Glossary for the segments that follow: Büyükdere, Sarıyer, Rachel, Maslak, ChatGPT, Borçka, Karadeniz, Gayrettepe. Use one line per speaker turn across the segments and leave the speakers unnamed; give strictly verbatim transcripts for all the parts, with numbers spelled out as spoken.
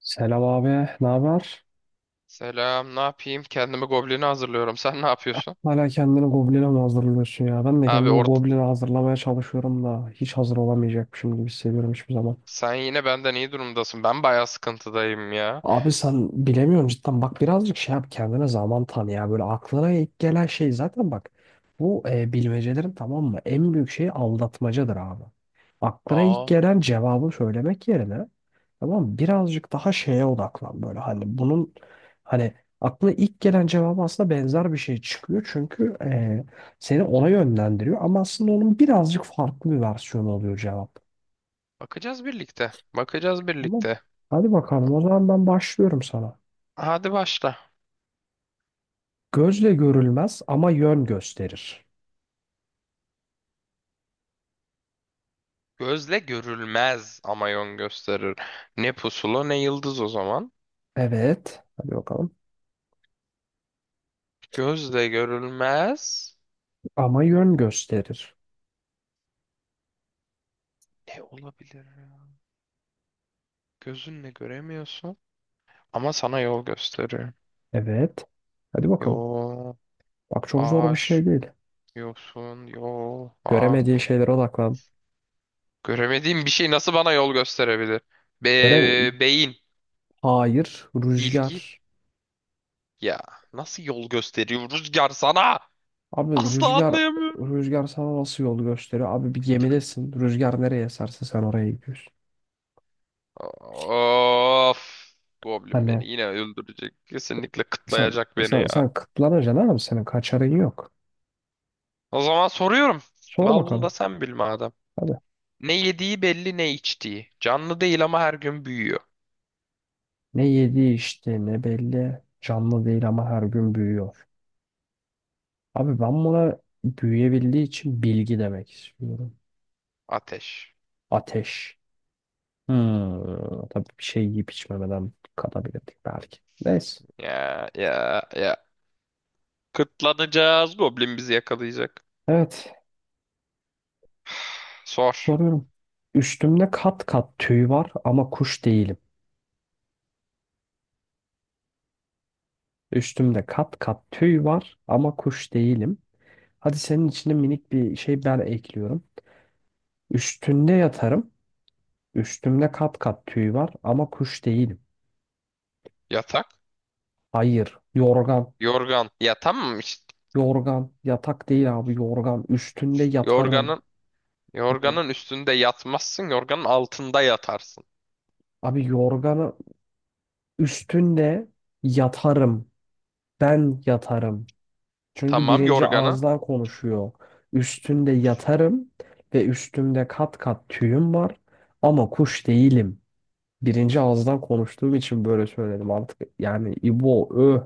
Selam abi, ne haber?
Selam, ne yapayım? Kendimi goblini hazırlıyorum. Sen ne yapıyorsun?
Hala kendini goblin'e mi hazırlıyorsun ya? Ben de
Abi
kendimi
orada
goblin'e hazırlamaya çalışıyorum da hiç hazır olamayacakmışım gibi hissediyorum hiçbir zaman.
sen yine benden iyi durumdasın. Ben bayağı sıkıntıdayım ya.
Abi sen bilemiyorum cidden. Bak birazcık şey yap kendine zaman tanı ya. Böyle aklına ilk gelen şey zaten bak. Bu e, bilmecelerin tamam mı? En büyük şeyi aldatmacadır abi. Aklına ilk
Aa,
gelen cevabı söylemek yerine tamam mı? Birazcık daha şeye odaklan böyle. Hani bunun hani aklına ilk gelen cevabı aslında benzer bir şey çıkıyor. Çünkü e, seni ona yönlendiriyor. Ama aslında onun birazcık farklı bir versiyonu oluyor cevap.
bakacağız birlikte. Bakacağız
Tamam.
birlikte.
Hadi bakalım o zaman ben başlıyorum sana.
Hadi başla.
Gözle görülmez ama yön gösterir.
Gözle görülmez ama yön gösterir. Ne pusula ne yıldız o zaman.
Evet. Hadi bakalım.
Gözle görülmez.
Ama yön gösterir.
Ne olabilir? Ya? Gözünle göremiyorsun ama sana yol gösterir.
Evet. Hadi bakalım.
Yol,
Bak çok zor bir
ağaç,
şey değil.
yosun, yol,
Göremediğin
ağaç.
şeylere odaklan.
Göremediğim bir şey nasıl bana yol gösterebilir? Be
Göre
beyin,
hayır.
bilgi.
Rüzgar.
Ya, nasıl yol gösteriyor rüzgar sana?
Abi
Asla
rüzgar
anlayamıyorum.
rüzgar sana nasıl yol gösteriyor? Abi bir gemidesin. Rüzgar nereye eserse sen oraya gidiyorsun.
Of. Goblin
Hani
beni yine öldürecek. Kesinlikle
sen
kıtlayacak beni
sen,
ya.
sen kıtlanacaksın abi. Senin kaçarın yok.
O zaman soruyorum.
Sor
Al bunu da
bakalım.
sen bil madem.
Hadi.
Ne yediği belli ne içtiği. Canlı değil ama her gün büyüyor.
Ne yedi işte ne belli. Canlı değil ama her gün büyüyor. Abi ben buna büyüyebildiği için bilgi demek istiyorum.
Ateş.
Ateş. Hmm, tabii bir şey yiyip içmemeden katabilirdik belki. Neyse.
Ya ya ya. Kıtlanacağız. Goblin bizi yakalayacak.
Evet.
Sor.
Soruyorum. Üstümde kat kat tüy var ama kuş değilim. Üstümde kat kat tüy var ama kuş değilim. Hadi senin içine minik bir şey ben ekliyorum. Üstünde yatarım. Üstümde kat kat tüy var ama kuş değilim.
Yatak.
Hayır. Yorgan.
Yorgan. Ya tamam işte.
Yorgan. Yatak değil abi yorgan. Üstünde yatarım.
Yorganın
E,
yorganın üstünde yatmazsın. Yorganın altında yatarsın.
Abi yorganı üstünde yatarım. Ben yatarım. Çünkü
Tamam
birinci
yorganı.
ağızdan konuşuyor. Üstünde yatarım ve üstümde kat kat tüyüm var ama kuş değilim. Birinci ağızdan konuştuğum için böyle söyledim artık. Yani İbo, öh.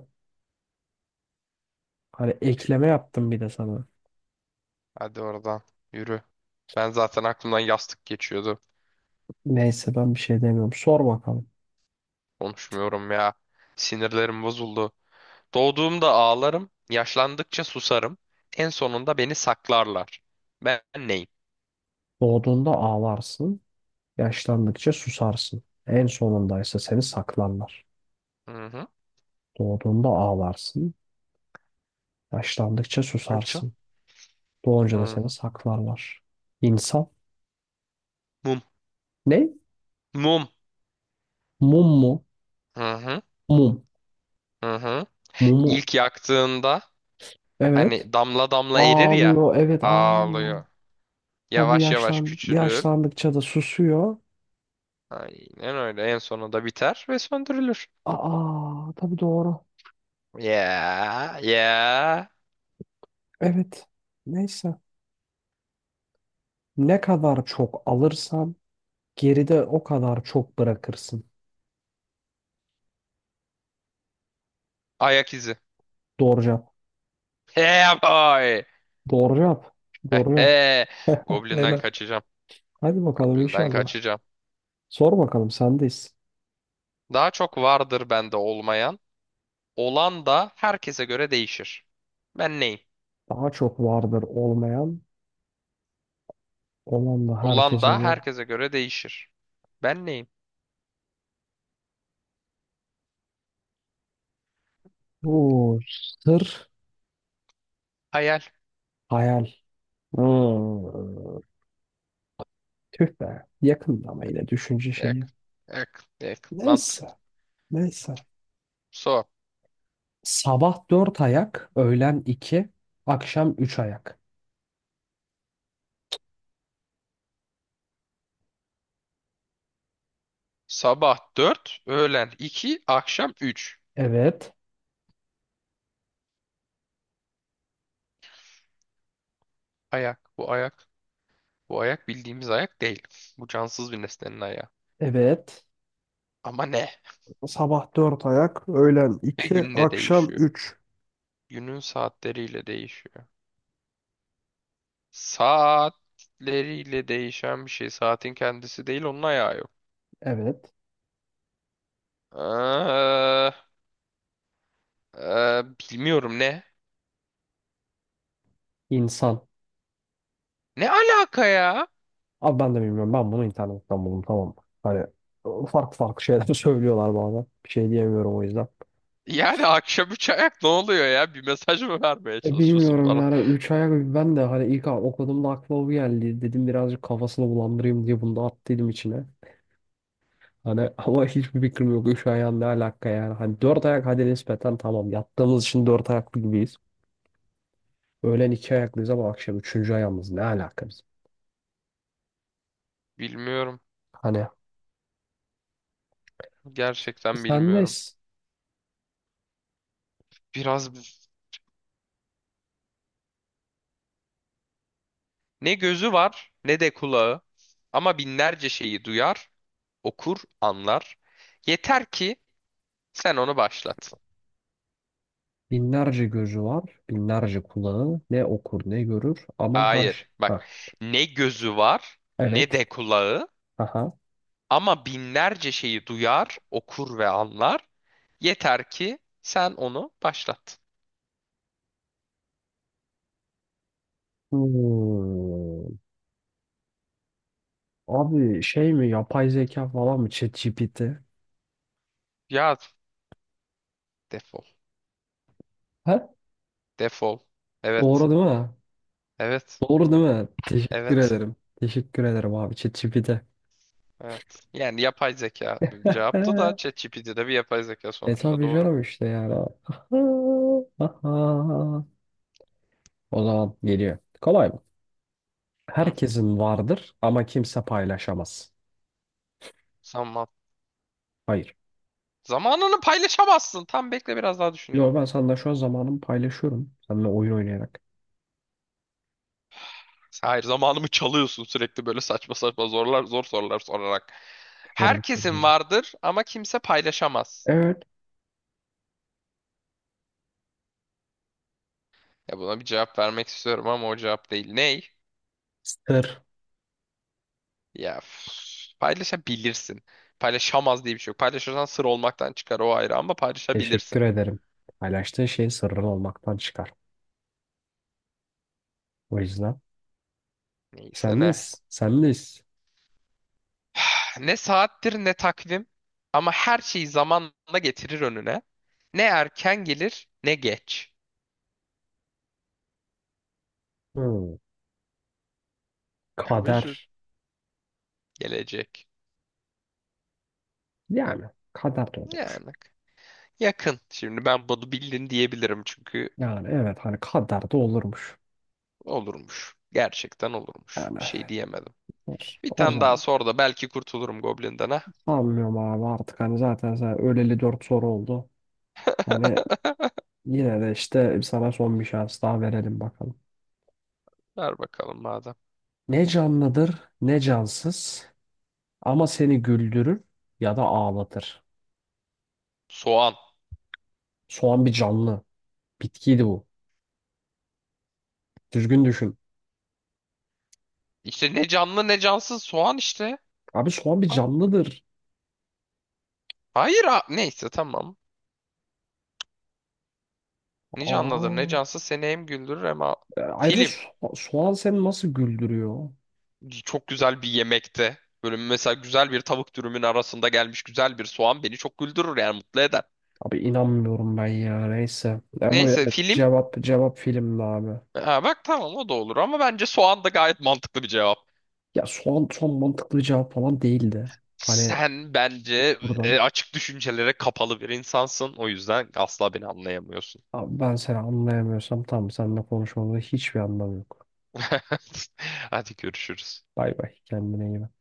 Hani ekleme yaptım bir de sana.
Hadi oradan yürü. Ben zaten aklımdan yastık geçiyordu.
Neyse ben bir şey demiyorum. Sor bakalım.
Konuşmuyorum ya. Sinirlerim bozuldu. Doğduğumda ağlarım. Yaşlandıkça susarım. En sonunda beni saklarlar. Ben neyim?
Doğduğunda ağlarsın, yaşlandıkça susarsın. En sonundaysa seni saklarlar.
Hı hı.
Doğduğunda ağlarsın, yaşlandıkça
Rachel.
susarsın. Doğunca da
Hı
seni
hı.
saklarlar. İnsan
Mum.
ne?
Mum.
Mum mu?
Hı hı.
Mum.
Hı hı.
Mumu.
İlk yaktığında
Evet.
hani damla damla erir ya.
Ağlıyor. Evet. Aa.
Ağlıyor.
Tabii
Yavaş yavaş
yaşlan
küçülür.
yaşlandıkça da susuyor.
Aynen öyle. En sonunda biter ve söndürülür.
Aa, tabii doğru.
Yeah, yeah.
Evet. Neyse. Ne kadar çok alırsan geride o kadar çok bırakırsın.
Ayak izi.
Doğru cevap.
Yeah boy.
Doğru cevap. Doğru cevap.
Goblin'den
Helal.
kaçacağım.
Hadi bakalım
Goblin'den
inşallah.
kaçacağım.
Sor bakalım sendeyiz.
Daha çok vardır bende olmayan. Olan da herkese göre değişir. Ben neyim?
Daha çok vardır olmayan. Olan da
Olan
herkese
da
vallahi göre.
herkese göre değişir. Ben neyim?
Oo, sır,
Hayal.
hayal. Hmm. Tüh be. Yakında ama yine düşünce şeyi.
Yak, yak, yak. Mantık.
Neyse. Neyse.
So.
Sabah dört ayak, öğlen iki, akşam üç ayak.
Sabah dört, öğlen iki, akşam üç.
Evet.
Ayak. Bu ayak. Bu ayak bildiğimiz ayak değil. Bu cansız bir nesnenin ayağı.
Evet.
Ama ne?
Sabah dört ayak, öğlen
Ve
iki,
günle
akşam
değişiyor.
üç.
Günün saatleriyle değişiyor. Saatleriyle değişen bir şey. Saatin kendisi değil, onun ayağı yok.
Evet.
Ee, e, bilmiyorum, ne?
İnsan.
Ne alaka ya?
Abi ben de bilmiyorum. Ben bunu internetten buldum, tamam mı? Hani ıı, farklı farklı şeyler söylüyorlar bazen. Bir şey diyemiyorum o yüzden.
Yani akşam üç ayak ne oluyor ya? Bir mesaj mı vermeye
E,
çalışıyorsun
bilmiyorum
bana?
yani üç ayak ben de hani ilk okuduğumda aklıma bu geldi. Dedim birazcık kafasını bulandırayım diye bunu da attıydım içine. Hani ama hiçbir fikrim yok üç ayağın ne alaka yani. Hani dört ayak hadi nispeten tamam, yattığımız için dört ayaklı gibiyiz. Öğlen iki ayaklıyız ama akşam üçüncü ayağımız ne alaka bizim.
Bilmiyorum.
Hani
Gerçekten
sen ne
bilmiyorum.
s-
Biraz ne gözü var ne de kulağı. Ama binlerce şeyi duyar, okur, anlar. Yeter ki sen onu başlat.
binlerce gözü var binlerce kulağı ne okur ne görür ama her şey.
Hayır.
Ha,
Bak, ne gözü var ne
evet.
de kulağı
Aha.
ama binlerce şeyi duyar, okur ve anlar. Yeter ki sen onu başlat.
Hmm. Abi şey mi, yapay zeka falan mı, ChatGPT?
Ya defol.
Ha?
Defol. Evet.
Doğru değil mi?
Evet.
Doğru değil mi? Teşekkür
Evet.
ederim. Teşekkür ederim abi. ChatGPT.
Evet. Yani yapay zeka cevaptı da ChatGPT de bir yapay zeka
E
sonuçta,
tabii
doğru.
canım işte yani. O zaman geliyor. Kolay mı?
Hı.
Herkesin vardır ama kimse paylaşamaz.
Zaman.
Hayır.
Zamanını paylaşamazsın. Tam bekle, biraz daha düşüneyim.
Yo, ben senden şu an zamanımı paylaşıyorum. Seninle oyun oynayarak.
Hayır, zamanımı çalıyorsun sürekli böyle saçma saçma zorlar, zor sorular sorarak.
Soru
Herkesin
soruyorum.
vardır ama kimse paylaşamaz.
Evet.
Ya buna bir cevap vermek istiyorum ama o cevap değil. Ney?
Sır.
Ya üf, paylaşabilirsin. Paylaşamaz diye bir şey yok. Paylaşırsan sır olmaktan çıkar, o ayrı, ama
Teşekkür
paylaşabilirsin.
ederim. Paylaştığın şey sırrın olmaktan çıkar. O yüzden
Neyse ne.
sendeyiz. Sendeyiz.
Ne saattir ne takvim ama her şeyi zamanla getirir önüne. Ne erken gelir ne geç.
Hmm. Kader.
Özür. Gelecek.
Yani kader de olurmuş.
Yani. Yakın. Şimdi ben bunu bildin diyebilirim çünkü
Yani evet hani kader de olurmuş.
olurmuş. Gerçekten olurmuş.
Yani
Bir şey diyemedim.
o,
Bir
o
tane daha
zaman
sor da belki kurtulurum Goblin'den ha.
sanmıyorum abi artık, hani zaten sen öleli dört soru oldu. Hani yine de işte sana son bir şans daha verelim bakalım.
Ver bakalım madem.
Ne canlıdır ne cansız ama seni güldürür ya da ağlatır.
Soğan.
Soğan bir canlı. Bitkiydi bu. Düzgün düşün.
İşte ne canlı ne cansız, soğan işte.
Abi soğan bir
Ha?
canlıdır.
Hayır ha. Neyse tamam. Ne canlıdır ne
Aa,
cansız, seni hem güldürür hem a-
e, ayrıca
Film.
so- soğan seni nasıl güldürüyor?
Çok güzel bir yemekte. Böyle mesela güzel bir tavuk dürümün arasında gelmiş güzel bir soğan beni çok güldürür, yani mutlu eder.
Abi inanmıyorum ben ya, neyse. Ama
Neyse,
evet
film.
cevap cevap filmdi abi.
Ha, bak tamam, o da olur ama bence soğan da gayet mantıklı bir cevap.
Ya son son mantıklı cevap falan değildi. Hani
Sen bence
buradan
e, açık düşüncelere kapalı bir insansın. O yüzden asla beni anlayamıyorsun.
abi ben seni anlayamıyorsam tamam, seninle konuşmamda hiçbir anlam yok.
Hadi görüşürüz.
Bay bay, kendine iyi bak.